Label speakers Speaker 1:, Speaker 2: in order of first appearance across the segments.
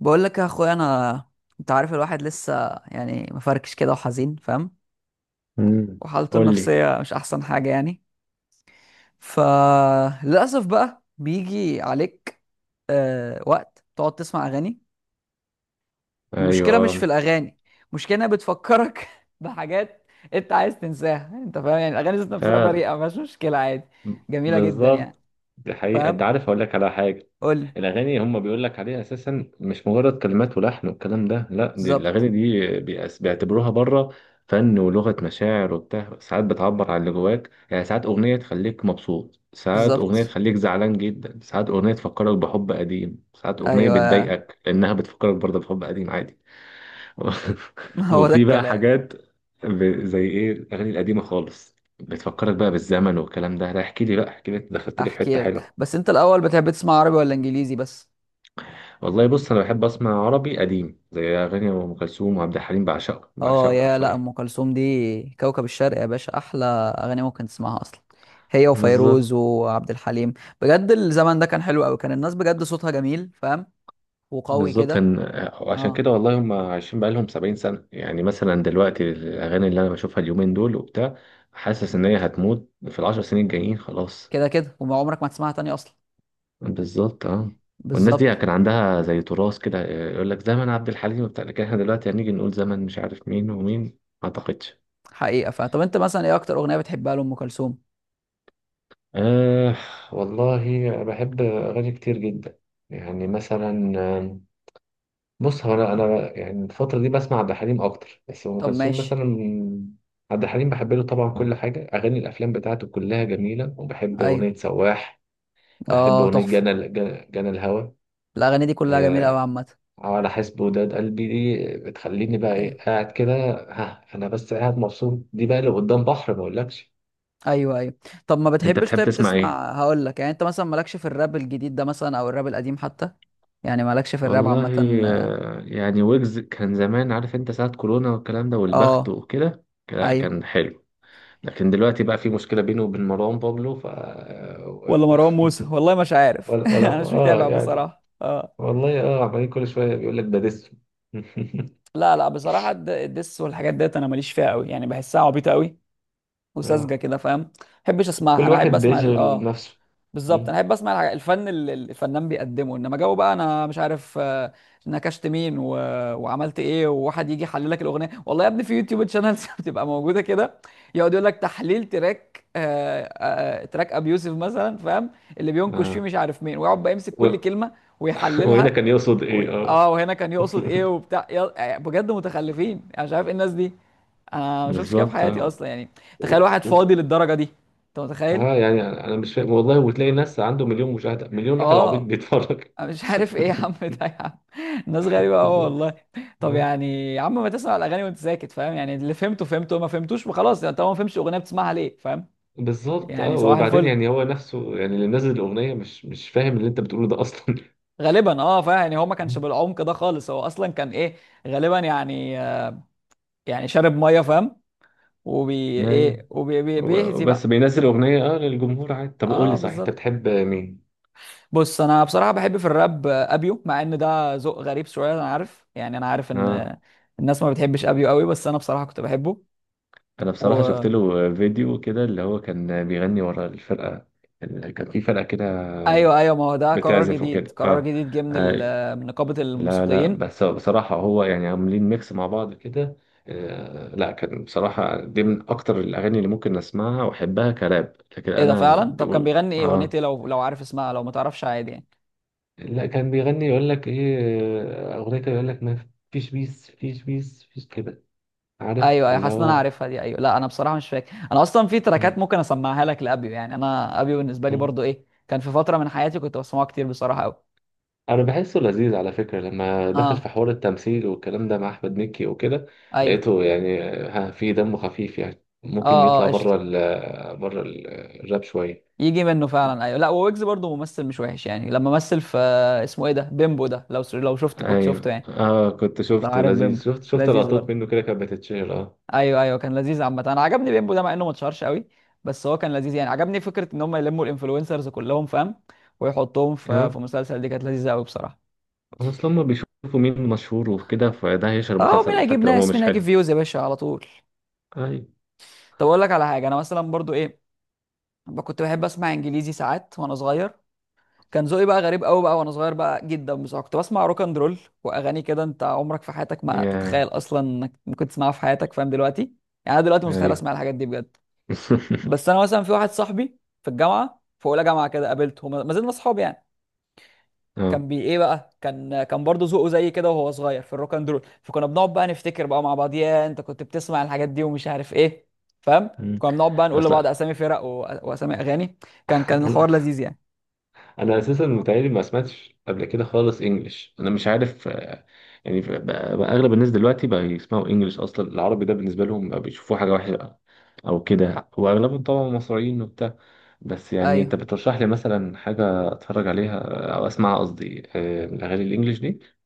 Speaker 1: بقول لك يا اخويا انا، انت عارف الواحد لسه يعني مفركش كده وحزين، فاهم؟
Speaker 2: امم
Speaker 1: وحالته
Speaker 2: قول لي.
Speaker 1: النفسيه مش احسن حاجه يعني. فللاسف بقى بيجي عليك وقت تقعد تسمع اغاني.
Speaker 2: ايوه،
Speaker 1: المشكله مش في
Speaker 2: آه،
Speaker 1: الاغاني، المشكله انها بتفكرك بحاجات انت عايز تنساها. انت فاهم؟ يعني الاغاني ذات نفسها
Speaker 2: فعلا،
Speaker 1: بريئه مفيهاش مشكله، عادي، جميله جدا يعني،
Speaker 2: بالظبط. دي حقيقة، انت
Speaker 1: فاهم؟
Speaker 2: عارف اقول لك على حاجة.
Speaker 1: قول لي.
Speaker 2: الاغاني هم بيقول لك عليها اساسا مش مجرد كلمات ولحن والكلام ده، لا، دي الاغاني
Speaker 1: بالظبط.
Speaker 2: دي بيعتبروها بره، فن ولغة مشاعر وبتاع. ساعات بتعبر عن اللي جواك، يعني ساعات اغنية تخليك مبسوط، ساعات اغنية
Speaker 1: بالظبط.
Speaker 2: تخليك زعلان جدا، ساعات اغنية تفكرك بحب قديم، ساعات اغنية
Speaker 1: ايوه.
Speaker 2: بتضايقك لانها بتفكرك برضه بحب قديم، عادي.
Speaker 1: هو ده
Speaker 2: وفي بقى
Speaker 1: الكلام.
Speaker 2: حاجات، زي ايه الاغاني القديمه خالص بتفكرك بقى بالزمن والكلام ده، لا، احكي لي بقى، احكي لي، انت دخلت لي في حته
Speaker 1: احكي لك،
Speaker 2: حلوه.
Speaker 1: بس انت الاول بتحب تسمع عربي ولا انجليزي؟ بس.
Speaker 2: والله بص، انا بحب اسمع عربي قديم زي اغاني ام كلثوم وعبد الحليم، بعشقه
Speaker 1: اه
Speaker 2: بعشقه
Speaker 1: يا، لا
Speaker 2: حرفيا.
Speaker 1: ام كلثوم دي كوكب الشرق يا باشا، احلى اغاني ممكن تسمعها اصلا، هي وفيروز
Speaker 2: بالظبط.
Speaker 1: وعبد الحليم. بجد الزمن ده كان حلو قوي، كان الناس بجد صوتها جميل، فاهم؟ وقوي
Speaker 2: بالظبط
Speaker 1: كده.
Speaker 2: كان. عشان
Speaker 1: اه،
Speaker 2: كده والله هم عايشين بقالهم 70 سنه، يعني مثلا دلوقتي الاغاني اللي انا بشوفها اليومين دول وبتاع، حاسس ان هي هتموت في العشر سنين الجايين خلاص.
Speaker 1: كده كده وما عمرك ما تسمعها تاني اصلا.
Speaker 2: بالظبط، اه. والناس دي
Speaker 1: بالظبط.
Speaker 2: كان عندها زي تراث كده يقول لك زمن عبد الحليم وبتاع، لكن احنا دلوقتي هنيجي نقول زمن مش عارف مين ومين، ما اعتقدش.
Speaker 1: حقيقة، فاهم. طب انت مثلا ايه اكتر اغنية بتحبها لام كلثوم؟
Speaker 2: آه. والله بحب اغاني كتير جدا، يعني مثلا، بص هو انا يعني الفتره دي بسمع عبد الحليم اكتر، بس ام
Speaker 1: طب
Speaker 2: كلثوم
Speaker 1: ماشي.
Speaker 2: مثلا. عبد الحليم بحب له طبعا كل حاجه، اغاني الافلام بتاعته كلها جميله، وبحب اغنيه
Speaker 1: ايوه.
Speaker 2: سواح، بحب
Speaker 1: اه
Speaker 2: اغنيه
Speaker 1: تحفة.
Speaker 2: جنى جنى جنى الهوى،
Speaker 1: الاغاني دي كلها جميلة قوي
Speaker 2: آه،
Speaker 1: عامة.
Speaker 2: على حسب وداد قلبي، دي بتخليني بقى
Speaker 1: ايوه.
Speaker 2: ايه قاعد كده. ها انا بس قاعد مبسوط، دي بقى اللي قدام بحر ما اقولكش.
Speaker 1: ايوه ايوه. طب ما
Speaker 2: انت
Speaker 1: بتحبش
Speaker 2: بتحب
Speaker 1: طيب
Speaker 2: تسمع ايه؟
Speaker 1: تسمع، هقول لك يعني، انت مثلا مالكش في الراب الجديد ده مثلا او الراب القديم حتى؟ يعني مالكش في الراب
Speaker 2: والله
Speaker 1: عامه.
Speaker 2: يعني ويجز كان زمان، عارف انت ساعة كورونا والكلام ده والبخت
Speaker 1: اه.
Speaker 2: وكده. لا
Speaker 1: ايوه.
Speaker 2: كان حلو، لكن دلوقتي بقى في مشكلة بينه وبين مروان بابلو، ف
Speaker 1: ولا
Speaker 2: آه،
Speaker 1: مروان موسى، والله مش عارف.
Speaker 2: ولا ولا
Speaker 1: انا مش
Speaker 2: اه
Speaker 1: متابع
Speaker 2: يعني.
Speaker 1: بصراحه، اه.
Speaker 2: والله، اه، عمالين كل شوية بيقول لك ده دس.
Speaker 1: لا لا بصراحه الدس والحاجات ديت انا ماليش فيها قوي يعني، بحسها عبيطه قوي وساذجه
Speaker 2: اه،
Speaker 1: كده، فاهم؟ ما بحبش اسمعها.
Speaker 2: كل
Speaker 1: انا
Speaker 2: واحد
Speaker 1: احب اسمع
Speaker 2: بيشغل
Speaker 1: اه،
Speaker 2: نفسه.
Speaker 1: بالظبط،
Speaker 2: م؟
Speaker 1: انا احب اسمع الفن اللي الفنان بيقدمه. انما جو بقى انا مش عارف نكشت مين وعملت ايه، وواحد يجي يحلل لك الاغنيه، والله يا ابني في يوتيوب شانلز بتبقى موجوده كده. يقعد يقول لك تحليل تراك، تراك ابي يوسف مثلا، فاهم؟ اللي بينكش فيه
Speaker 2: اه
Speaker 1: مش عارف مين، ويقعد بقى يمسك كل
Speaker 2: و...
Speaker 1: كلمه
Speaker 2: وهنا
Speaker 1: ويحللها
Speaker 2: كان يقصد ايه؟ آه.
Speaker 1: اه، وهنا كان يقصد ايه وبتاع يا... آه، بجد متخلفين، انا مش عارف ايه الناس دي. انا ما شفتش كده في
Speaker 2: بالظبط،
Speaker 1: حياتي
Speaker 2: اه.
Speaker 1: اصلا يعني. تخيل
Speaker 2: و-
Speaker 1: واحد فاضي
Speaker 2: و-
Speaker 1: للدرجه دي، انت متخيل؟
Speaker 2: اه يعني، انا مش فاهم والله، وتلاقي ناس عنده مليون مشاهده، مليون واحد عبيط
Speaker 1: اه،
Speaker 2: بيتفرج.
Speaker 1: أنا مش عارف ايه يا عم ده يا عم. الناس غريبة قوي
Speaker 2: بالظبط،
Speaker 1: والله. طب
Speaker 2: اه.
Speaker 1: يعني يا عم ما تسمع الأغاني وأنت ساكت، فاهم؟ يعني اللي فهمته فهمته ما فهمتوش خلاص، يعني طالما ما فهمتش أغنية بتسمعها ليه، فاهم؟
Speaker 2: بالظبط، اه.
Speaker 1: يعني صباح
Speaker 2: وبعدين
Speaker 1: الفل
Speaker 2: يعني هو نفسه، يعني اللي نزل الاغنيه مش فاهم اللي انت بتقوله ده اصلا.
Speaker 1: غالبا، اه فاهم، يعني هو ما كانش بالعمق ده خالص، هو أصلا كان ايه غالبا يعني شارب مية فاهم، وبي
Speaker 2: ايوه،
Speaker 1: ايه وبيهزي
Speaker 2: بس
Speaker 1: بقى.
Speaker 2: بينزل اغنيه اه للجمهور عادي. طب قول لي
Speaker 1: اه
Speaker 2: صحيح، انت
Speaker 1: بالظبط.
Speaker 2: بتحب مين؟
Speaker 1: بص انا بصراحة بحب في الراب ابيو، مع ان ده ذوق غريب شوية، انا عارف يعني، انا عارف
Speaker 2: اه،
Speaker 1: ان الناس ما بتحبش ابيو قوي، بس انا بصراحة كنت بحبه.
Speaker 2: انا بصراحه شفت
Speaker 1: و.
Speaker 2: له فيديو كده، اللي هو كان بيغني ورا الفرقه، كان في فرقه كده
Speaker 1: ايوه ايوه، ما هو ده قرار
Speaker 2: بتعزف
Speaker 1: جديد،
Speaker 2: وكده،
Speaker 1: قرار
Speaker 2: اه.
Speaker 1: جديد جه من
Speaker 2: آه،
Speaker 1: من نقابه
Speaker 2: لا لا
Speaker 1: الموسيقيين.
Speaker 2: بس بصراحة هو يعني عاملين ميكس مع بعض كده. لا كان بصراحة دي من أكتر الأغاني اللي ممكن أسمعها وأحبها كراب، لكن
Speaker 1: ايه ده
Speaker 2: أنا
Speaker 1: فعلا؟ طب كان
Speaker 2: بقول
Speaker 1: بيغني ايه، اغنيه
Speaker 2: آه.
Speaker 1: ايه؟ لو عارف اسمها، لو ما تعرفش عادي يعني.
Speaker 2: لا كان بيغني يقول لك إيه، أغنية كده يقول لك ما فيش بيس فيش بيس فيش كده، عارف
Speaker 1: ايوه ايوه،
Speaker 2: اللي
Speaker 1: حاسس ان انا
Speaker 2: هو.
Speaker 1: عارفها دي، ايوه. لا انا بصراحه مش فاكر، انا اصلا في تراكات
Speaker 2: مم،
Speaker 1: ممكن اسمعها لك لابيو يعني، انا ابيو بالنسبه لي
Speaker 2: مم.
Speaker 1: برضو ايه، كان في فتره من حياتي كنت بسمعه كتير بصراحه قوي.
Speaker 2: أنا بحسه لذيذ على فكرة لما دخل في
Speaker 1: اه
Speaker 2: حوار التمثيل والكلام ده مع أحمد مكي وكده،
Speaker 1: ايوه.
Speaker 2: لقيته يعني ها في دم خفيف، يعني ممكن
Speaker 1: اه
Speaker 2: يطلع
Speaker 1: اه قشطه،
Speaker 2: بره ال آه، بره الراب شوية.
Speaker 1: يجي منه فعلا. ايوه، لا وويجز برضو ممثل مش وحش يعني، لما مثل في اسمه ايه ده، بيمبو ده، لو شفت كنت شفته
Speaker 2: ايوه،
Speaker 1: يعني،
Speaker 2: اه، كنت
Speaker 1: لو
Speaker 2: شفته
Speaker 1: عارف
Speaker 2: لذيذ،
Speaker 1: بيمبو،
Speaker 2: شفت
Speaker 1: لذيذ
Speaker 2: لقطات
Speaker 1: برضو.
Speaker 2: منه كده كانت بتتشهر، اه.
Speaker 1: ايوه ايوه كان لذيذ عامه، انا عجبني بيمبو ده مع انه ما اتشهرش قوي، بس هو كان لذيذ يعني. عجبني فكره ان هم يلموا الانفلونسرز كلهم، فاهم؟ ويحطوهم في
Speaker 2: اه،
Speaker 1: مسلسل، دي كانت لذيذه قوي بصراحه.
Speaker 2: اصل هم بيشوفوا مين مشهور وكده فده هيشهر
Speaker 1: اه، مين
Speaker 2: المسلسل
Speaker 1: هيجيب
Speaker 2: حتى لو هو
Speaker 1: ناس، مين
Speaker 2: مش
Speaker 1: هيجيب
Speaker 2: حلو.
Speaker 1: فيوز يا باشا على طول.
Speaker 2: ايوه،
Speaker 1: طب اقول لك على حاجه، انا مثلا برضو ايه، كنت بحب اسمع انجليزي ساعات وانا صغير. كان ذوقي بقى غريب قوي بقى وانا صغير بقى جدا بصراحه، كنت بسمع روك اند رول واغاني كده انت عمرك في حياتك ما
Speaker 2: يا
Speaker 1: تتخيل اصلا انك ممكن تسمعها في حياتك، فاهم؟ دلوقتي يعني انا دلوقتي مستحيل
Speaker 2: ايوه.
Speaker 1: اسمع الحاجات دي بجد. بس انا مثلا في واحد صاحبي في الجامعه في اولى جامعه كده قابلته، ما زلنا اصحاب يعني.
Speaker 2: اه.
Speaker 1: كان بي ايه بقى، كان برضه ذوقه زي كده وهو صغير في الروك اند رول، فكنا بنقعد بقى نفتكر بقى مع بعض، يا انت كنت بتسمع الحاجات دي ومش عارف ايه، فاهم؟
Speaker 2: مم.
Speaker 1: كنا بنقعد بقى نقول لبعض
Speaker 2: اصل
Speaker 1: اسامي فرق واسامي اغاني. كان
Speaker 2: انا
Speaker 1: الحوار لذيذ يعني.
Speaker 2: انا اساسا متهيألي ما سمعتش قبل كده خالص انجلش، انا مش عارف، يعني بقى اغلب الناس دلوقتي بقى يسمعوا انجلش اصلا، العربي ده بالنسبه لهم بقى بيشوفوه حاجه وحشه او كده، واغلبهم طبعا مصريين وبتاع. بس يعني انت
Speaker 1: ايوه.
Speaker 2: بترشح لي مثلا حاجة اتفرج عليها او اسمعها، قصدي الاغاني الانجليش دي.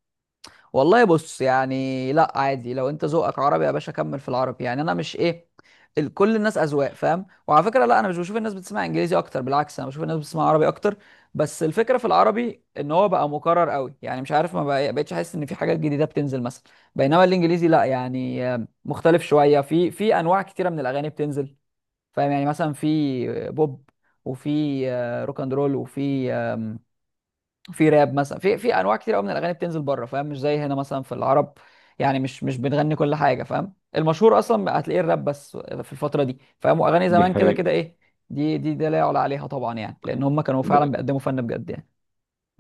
Speaker 1: والله بص يعني، لا عادي، لو انت ذوقك عربي يا باشا كمل في العربي، يعني انا مش ايه، كل الناس اذواق فاهم. وعلى فكره، لا انا مش بشوف الناس بتسمع انجليزي اكتر، بالعكس انا بشوف الناس بتسمع عربي اكتر. بس الفكره في العربي ان هو بقى مكرر قوي يعني مش عارف ما، بقتش احس ان في حاجات جديده بتنزل مثلا. بينما الانجليزي لا يعني، مختلف شويه في انواع كتيره من الاغاني بتنزل، فاهم؟ يعني مثلا في بوب، وفي روك اند رول، وفي في راب مثلا، في انواع كتير قوي من الاغاني بتنزل بره، فاهم؟ مش زي هنا مثلا في العرب. يعني مش بنغني كل حاجه، فاهم؟ المشهور اصلا هتلاقيه الراب بس في الفتره دي، فاهم؟ واغاني
Speaker 2: دي
Speaker 1: زمان كده كده
Speaker 2: حقيقة.
Speaker 1: ايه، دي لا يعلى عليها طبعا يعني، لان هم كانوا فعلا
Speaker 2: ب-
Speaker 1: بيقدموا فن بجد يعني.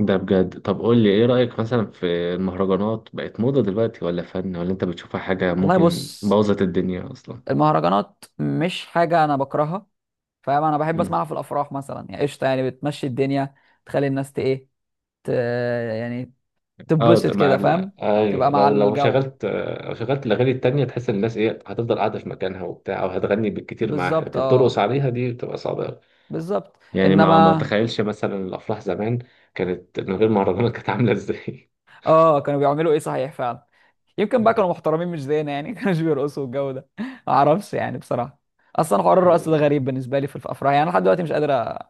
Speaker 2: ده بجد. طب قول لي ايه رأيك مثلا في المهرجانات، بقت موضة دلوقتي ولا فن؟ ولا انت بتشوفها حاجة
Speaker 1: والله
Speaker 2: ممكن
Speaker 1: بص،
Speaker 2: بوظت الدنيا اصلا؟
Speaker 1: المهرجانات مش حاجه انا بكرهها، فاهم؟ انا بحب
Speaker 2: مم.
Speaker 1: اسمعها في الافراح مثلا يعني، قشطه يعني، بتمشي الدنيا، تخلي الناس ت ايه، ت يعني
Speaker 2: اه
Speaker 1: تتبسط
Speaker 2: طب ما
Speaker 1: كده، فاهم؟
Speaker 2: لا ايوه،
Speaker 1: تبقى مع الجو.
Speaker 2: لو شغلت الاغاني التانية، تحس ان الناس ايه؟ هتفضل قاعدة في مكانها وبتاع، او هتغني بالكتير معاها
Speaker 1: بالظبط
Speaker 2: لكن ترقص
Speaker 1: اه.
Speaker 2: عليها دي بتبقى صعبة أوي.
Speaker 1: بالظبط.
Speaker 2: يعني ما
Speaker 1: انما
Speaker 2: تخيلش مثلا الافراح زمان كانت من غير مهرجانات، كانت عاملة ازاي؟
Speaker 1: اه كانوا بيعملوا ايه صحيح فعلا. يمكن بقى كانوا محترمين مش زينا يعني، كانوش بيرقصوا الجو ده ما اعرفش يعني بصراحه. اصلا حوار الرقص ده غريب بالنسبه لي في الافراح، يعني أنا لحد دلوقتي مش قادر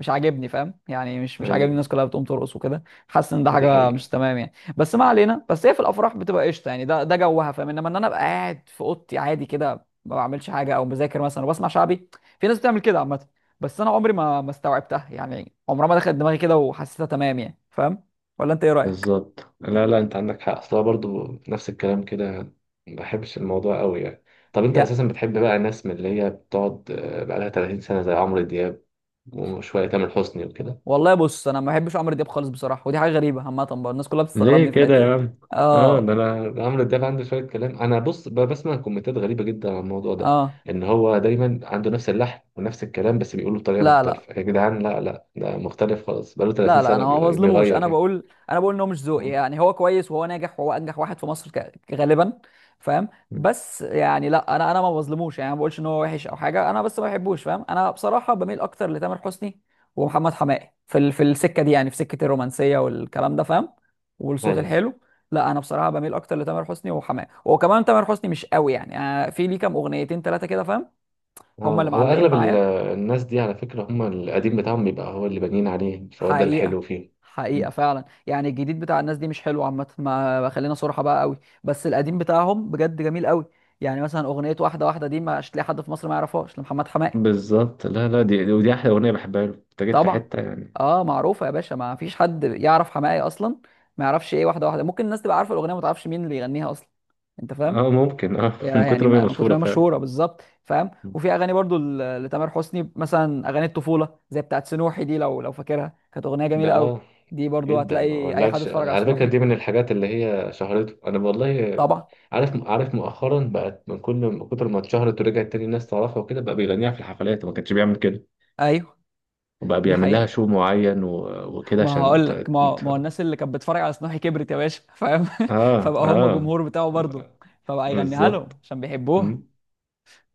Speaker 1: مش عاجبني، فاهم؟ يعني مش عاجبني
Speaker 2: أيوة.
Speaker 1: الناس كلها بتقوم ترقص وكده. حاسس ان ده
Speaker 2: دي
Speaker 1: حاجه
Speaker 2: حقيقة.
Speaker 1: مش تمام يعني، بس ما علينا، بس هي في الافراح بتبقى قشطه يعني، ده جوها، فاهم؟ انما ان انا ابقى قاعد في اوضتي عادي كده ما بعملش حاجه او بذاكر مثلا وبسمع شعبي. في ناس بتعمل كده عامه، بس انا عمري ما استوعبتها يعني، عمرها ما دخلت دماغي كده وحسيتها تمام يعني، فاهم؟ ولا انت ايه رايك؟
Speaker 2: بالظبط. لا لا، أنت عندك حق أصلا برضو، نفس الكلام كده، ما بحبش الموضوع قوي يعني. طب أنت أساسا بتحب بقى ناس من اللي هي بتقعد بقالها 30 سنة زي عمرو دياب وشوية تامر حسني وكده؟
Speaker 1: والله بص، انا ما بحبش عمرو دياب خالص بصراحه، ودي حاجه غريبه عامه برضه الناس كلها
Speaker 2: ليه
Speaker 1: بتستغربني في
Speaker 2: كده
Speaker 1: الحته
Speaker 2: يا
Speaker 1: دي.
Speaker 2: عم؟ اه،
Speaker 1: اه
Speaker 2: ده عمرو دياب عنده شويه كلام، انا بص بسمع كومنتات غريبه جدا عن الموضوع ده،
Speaker 1: اه.
Speaker 2: ان هو دايما عنده نفس اللحن ونفس الكلام بس بيقوله بطريقه
Speaker 1: لا لا.
Speaker 2: مختلفه، يا جدعان لا لا ده مختلف خالص بقاله
Speaker 1: لا
Speaker 2: 30
Speaker 1: لا،
Speaker 2: سنه
Speaker 1: انا ما بظلموش،
Speaker 2: بيغير
Speaker 1: انا
Speaker 2: يعني.
Speaker 1: بقول انا بقول ان هو مش ذوقي
Speaker 2: مم.
Speaker 1: يعني، هو كويس وهو ناجح وهو انجح واحد في مصر غالبا، فاهم؟ بس يعني، لا انا ما بظلموش يعني، ما بقولش ان هو وحش او حاجه، انا بس ما بحبوش، فاهم؟ انا بصراحه بميل اكتر لتامر حسني ومحمد حماقي في في السكه دي يعني، في سكه الرومانسيه والكلام ده، فاهم؟ والصوت
Speaker 2: ايوه،
Speaker 1: الحلو. لا انا بصراحه بميل اكتر لتامر حسني وحماقي، وكمان تامر حسني مش قوي يعني، أنا في ليه كام اغنيتين ثلاثه كده فاهم، هم اللي
Speaker 2: اه. هو
Speaker 1: معلقين
Speaker 2: اغلب
Speaker 1: معايا.
Speaker 2: الناس دي على فكره، هم القديم بتاعهم بيبقى هو اللي بانيين عليه، فهو ده
Speaker 1: حقيقة.
Speaker 2: الحلو فيه.
Speaker 1: حقيقة
Speaker 2: مم.
Speaker 1: فعلا يعني، الجديد بتاع الناس دي مش حلو عامة، ما خلينا صراحة بقى قوي. بس القديم بتاعهم بجد جميل قوي، يعني مثلا أغنية واحدة واحدة دي مش هتلاقي حد في مصر ما يعرفهاش لمحمد حماقي.
Speaker 2: بالظبط، لا لا، ودي احلى اغنيه بحبها له، انت جيت في
Speaker 1: طبعا.
Speaker 2: حته يعني.
Speaker 1: اه معروفة يا باشا، ما فيش حد يعرف حماقي أصلا ما يعرفش ايه واحدة واحدة. ممكن الناس تبقى عارفة الأغنية ما تعرفش مين اللي يغنيها أصلا، أنت فاهم؟
Speaker 2: اه ممكن، اه. من
Speaker 1: يعني
Speaker 2: كتر ما هي
Speaker 1: من كتر ما
Speaker 2: مشهوره
Speaker 1: هي
Speaker 2: فعلا.
Speaker 1: مشهوره، بالظبط، فاهم؟ وفي اغاني برضو لتامر حسني مثلا، اغاني الطفوله زي بتاعت سنوحي دي، لو فاكرها، كانت اغنيه
Speaker 2: ده
Speaker 1: جميله قوي.
Speaker 2: اه
Speaker 1: دي برضو
Speaker 2: جدا، ما
Speaker 1: هتلاقي اي حد
Speaker 2: اقولكش،
Speaker 1: اتفرج على
Speaker 2: على فكره
Speaker 1: سنوحي.
Speaker 2: دي من الحاجات اللي هي شهرته، انا والله
Speaker 1: طبعا.
Speaker 2: عارف مؤخرا بقت، من كتر ما اتشهرت ورجعت تاني الناس تعرفها وكده، بقى بيغنيها في الحفلات وما كانش بيعمل كده،
Speaker 1: ايوه.
Speaker 2: وبقى
Speaker 1: دي
Speaker 2: بيعمل لها
Speaker 1: حقيقه،
Speaker 2: شو معين وكده
Speaker 1: ما
Speaker 2: عشان،
Speaker 1: هقول لك، ما هو الناس اللي كانت بتتفرج على سنوحي كبرت يا باشا، فاهم؟
Speaker 2: اه،
Speaker 1: فبقى هم
Speaker 2: اه،
Speaker 1: جمهور بتاعه برضو، فبقى يغنيها لهم
Speaker 2: بالظبط.
Speaker 1: عشان بيحبوها.
Speaker 2: مم.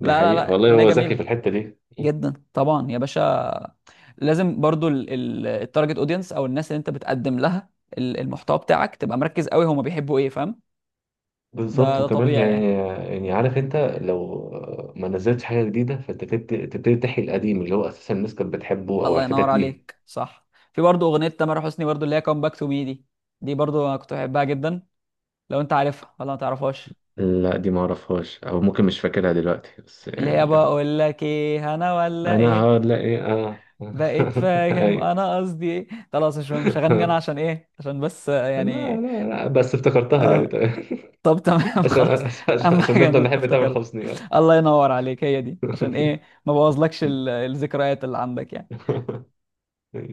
Speaker 2: دي
Speaker 1: لا لا
Speaker 2: حقيقة
Speaker 1: لا،
Speaker 2: والله،
Speaker 1: اغنيه
Speaker 2: هو ذكي
Speaker 1: جميله
Speaker 2: في الحتة دي. مم.
Speaker 1: جدا طبعا يا باشا. لازم برضو التارجت اودينس او الناس اللي انت بتقدم لها المحتوى بتاعك، تبقى مركز قوي هما بيحبوا ايه، فاهم؟
Speaker 2: بالظبط.
Speaker 1: ده
Speaker 2: وكمان
Speaker 1: طبيعي يعني.
Speaker 2: يعني، عارف انت لو ما نزلتش حاجة جديدة، فانت تبتدي تحيي القديم اللي هو اساسا الناس كانت بتحبه او
Speaker 1: الله ينور
Speaker 2: عرفتك بيه.
Speaker 1: عليك، صح. في برضو اغنيه تامر حسني برضو اللي هي كام باك تو مي دي، دي برضو انا كنت بحبها جدا، لو انت عارفها ولا ما تعرفهاش،
Speaker 2: لا دي ما اعرفهاش، او ممكن مش فاكرها دلوقتي، بس
Speaker 1: اللي هي
Speaker 2: يعني لو
Speaker 1: بقول لك ايه، انا ولا
Speaker 2: انا
Speaker 1: ايه،
Speaker 2: هقعد، لا ايه، اه.
Speaker 1: بقيت فاهم
Speaker 2: ايوه.
Speaker 1: انا قصدي ايه، خلاص مش هغني انا، عشان ايه؟ عشان بس
Speaker 2: لا
Speaker 1: يعني
Speaker 2: لا لا، بس افتكرتها، يعني
Speaker 1: آه.
Speaker 2: تمام.
Speaker 1: طب تمام. خلاص، اهم
Speaker 2: عشان
Speaker 1: حاجه ان
Speaker 2: نفضل
Speaker 1: انت
Speaker 2: نحب تامر
Speaker 1: افتكرت.
Speaker 2: حسني، اه.
Speaker 1: الله ينور عليك، هي دي عشان ايه ما بوظلكش الذكريات اللي عندك يعني.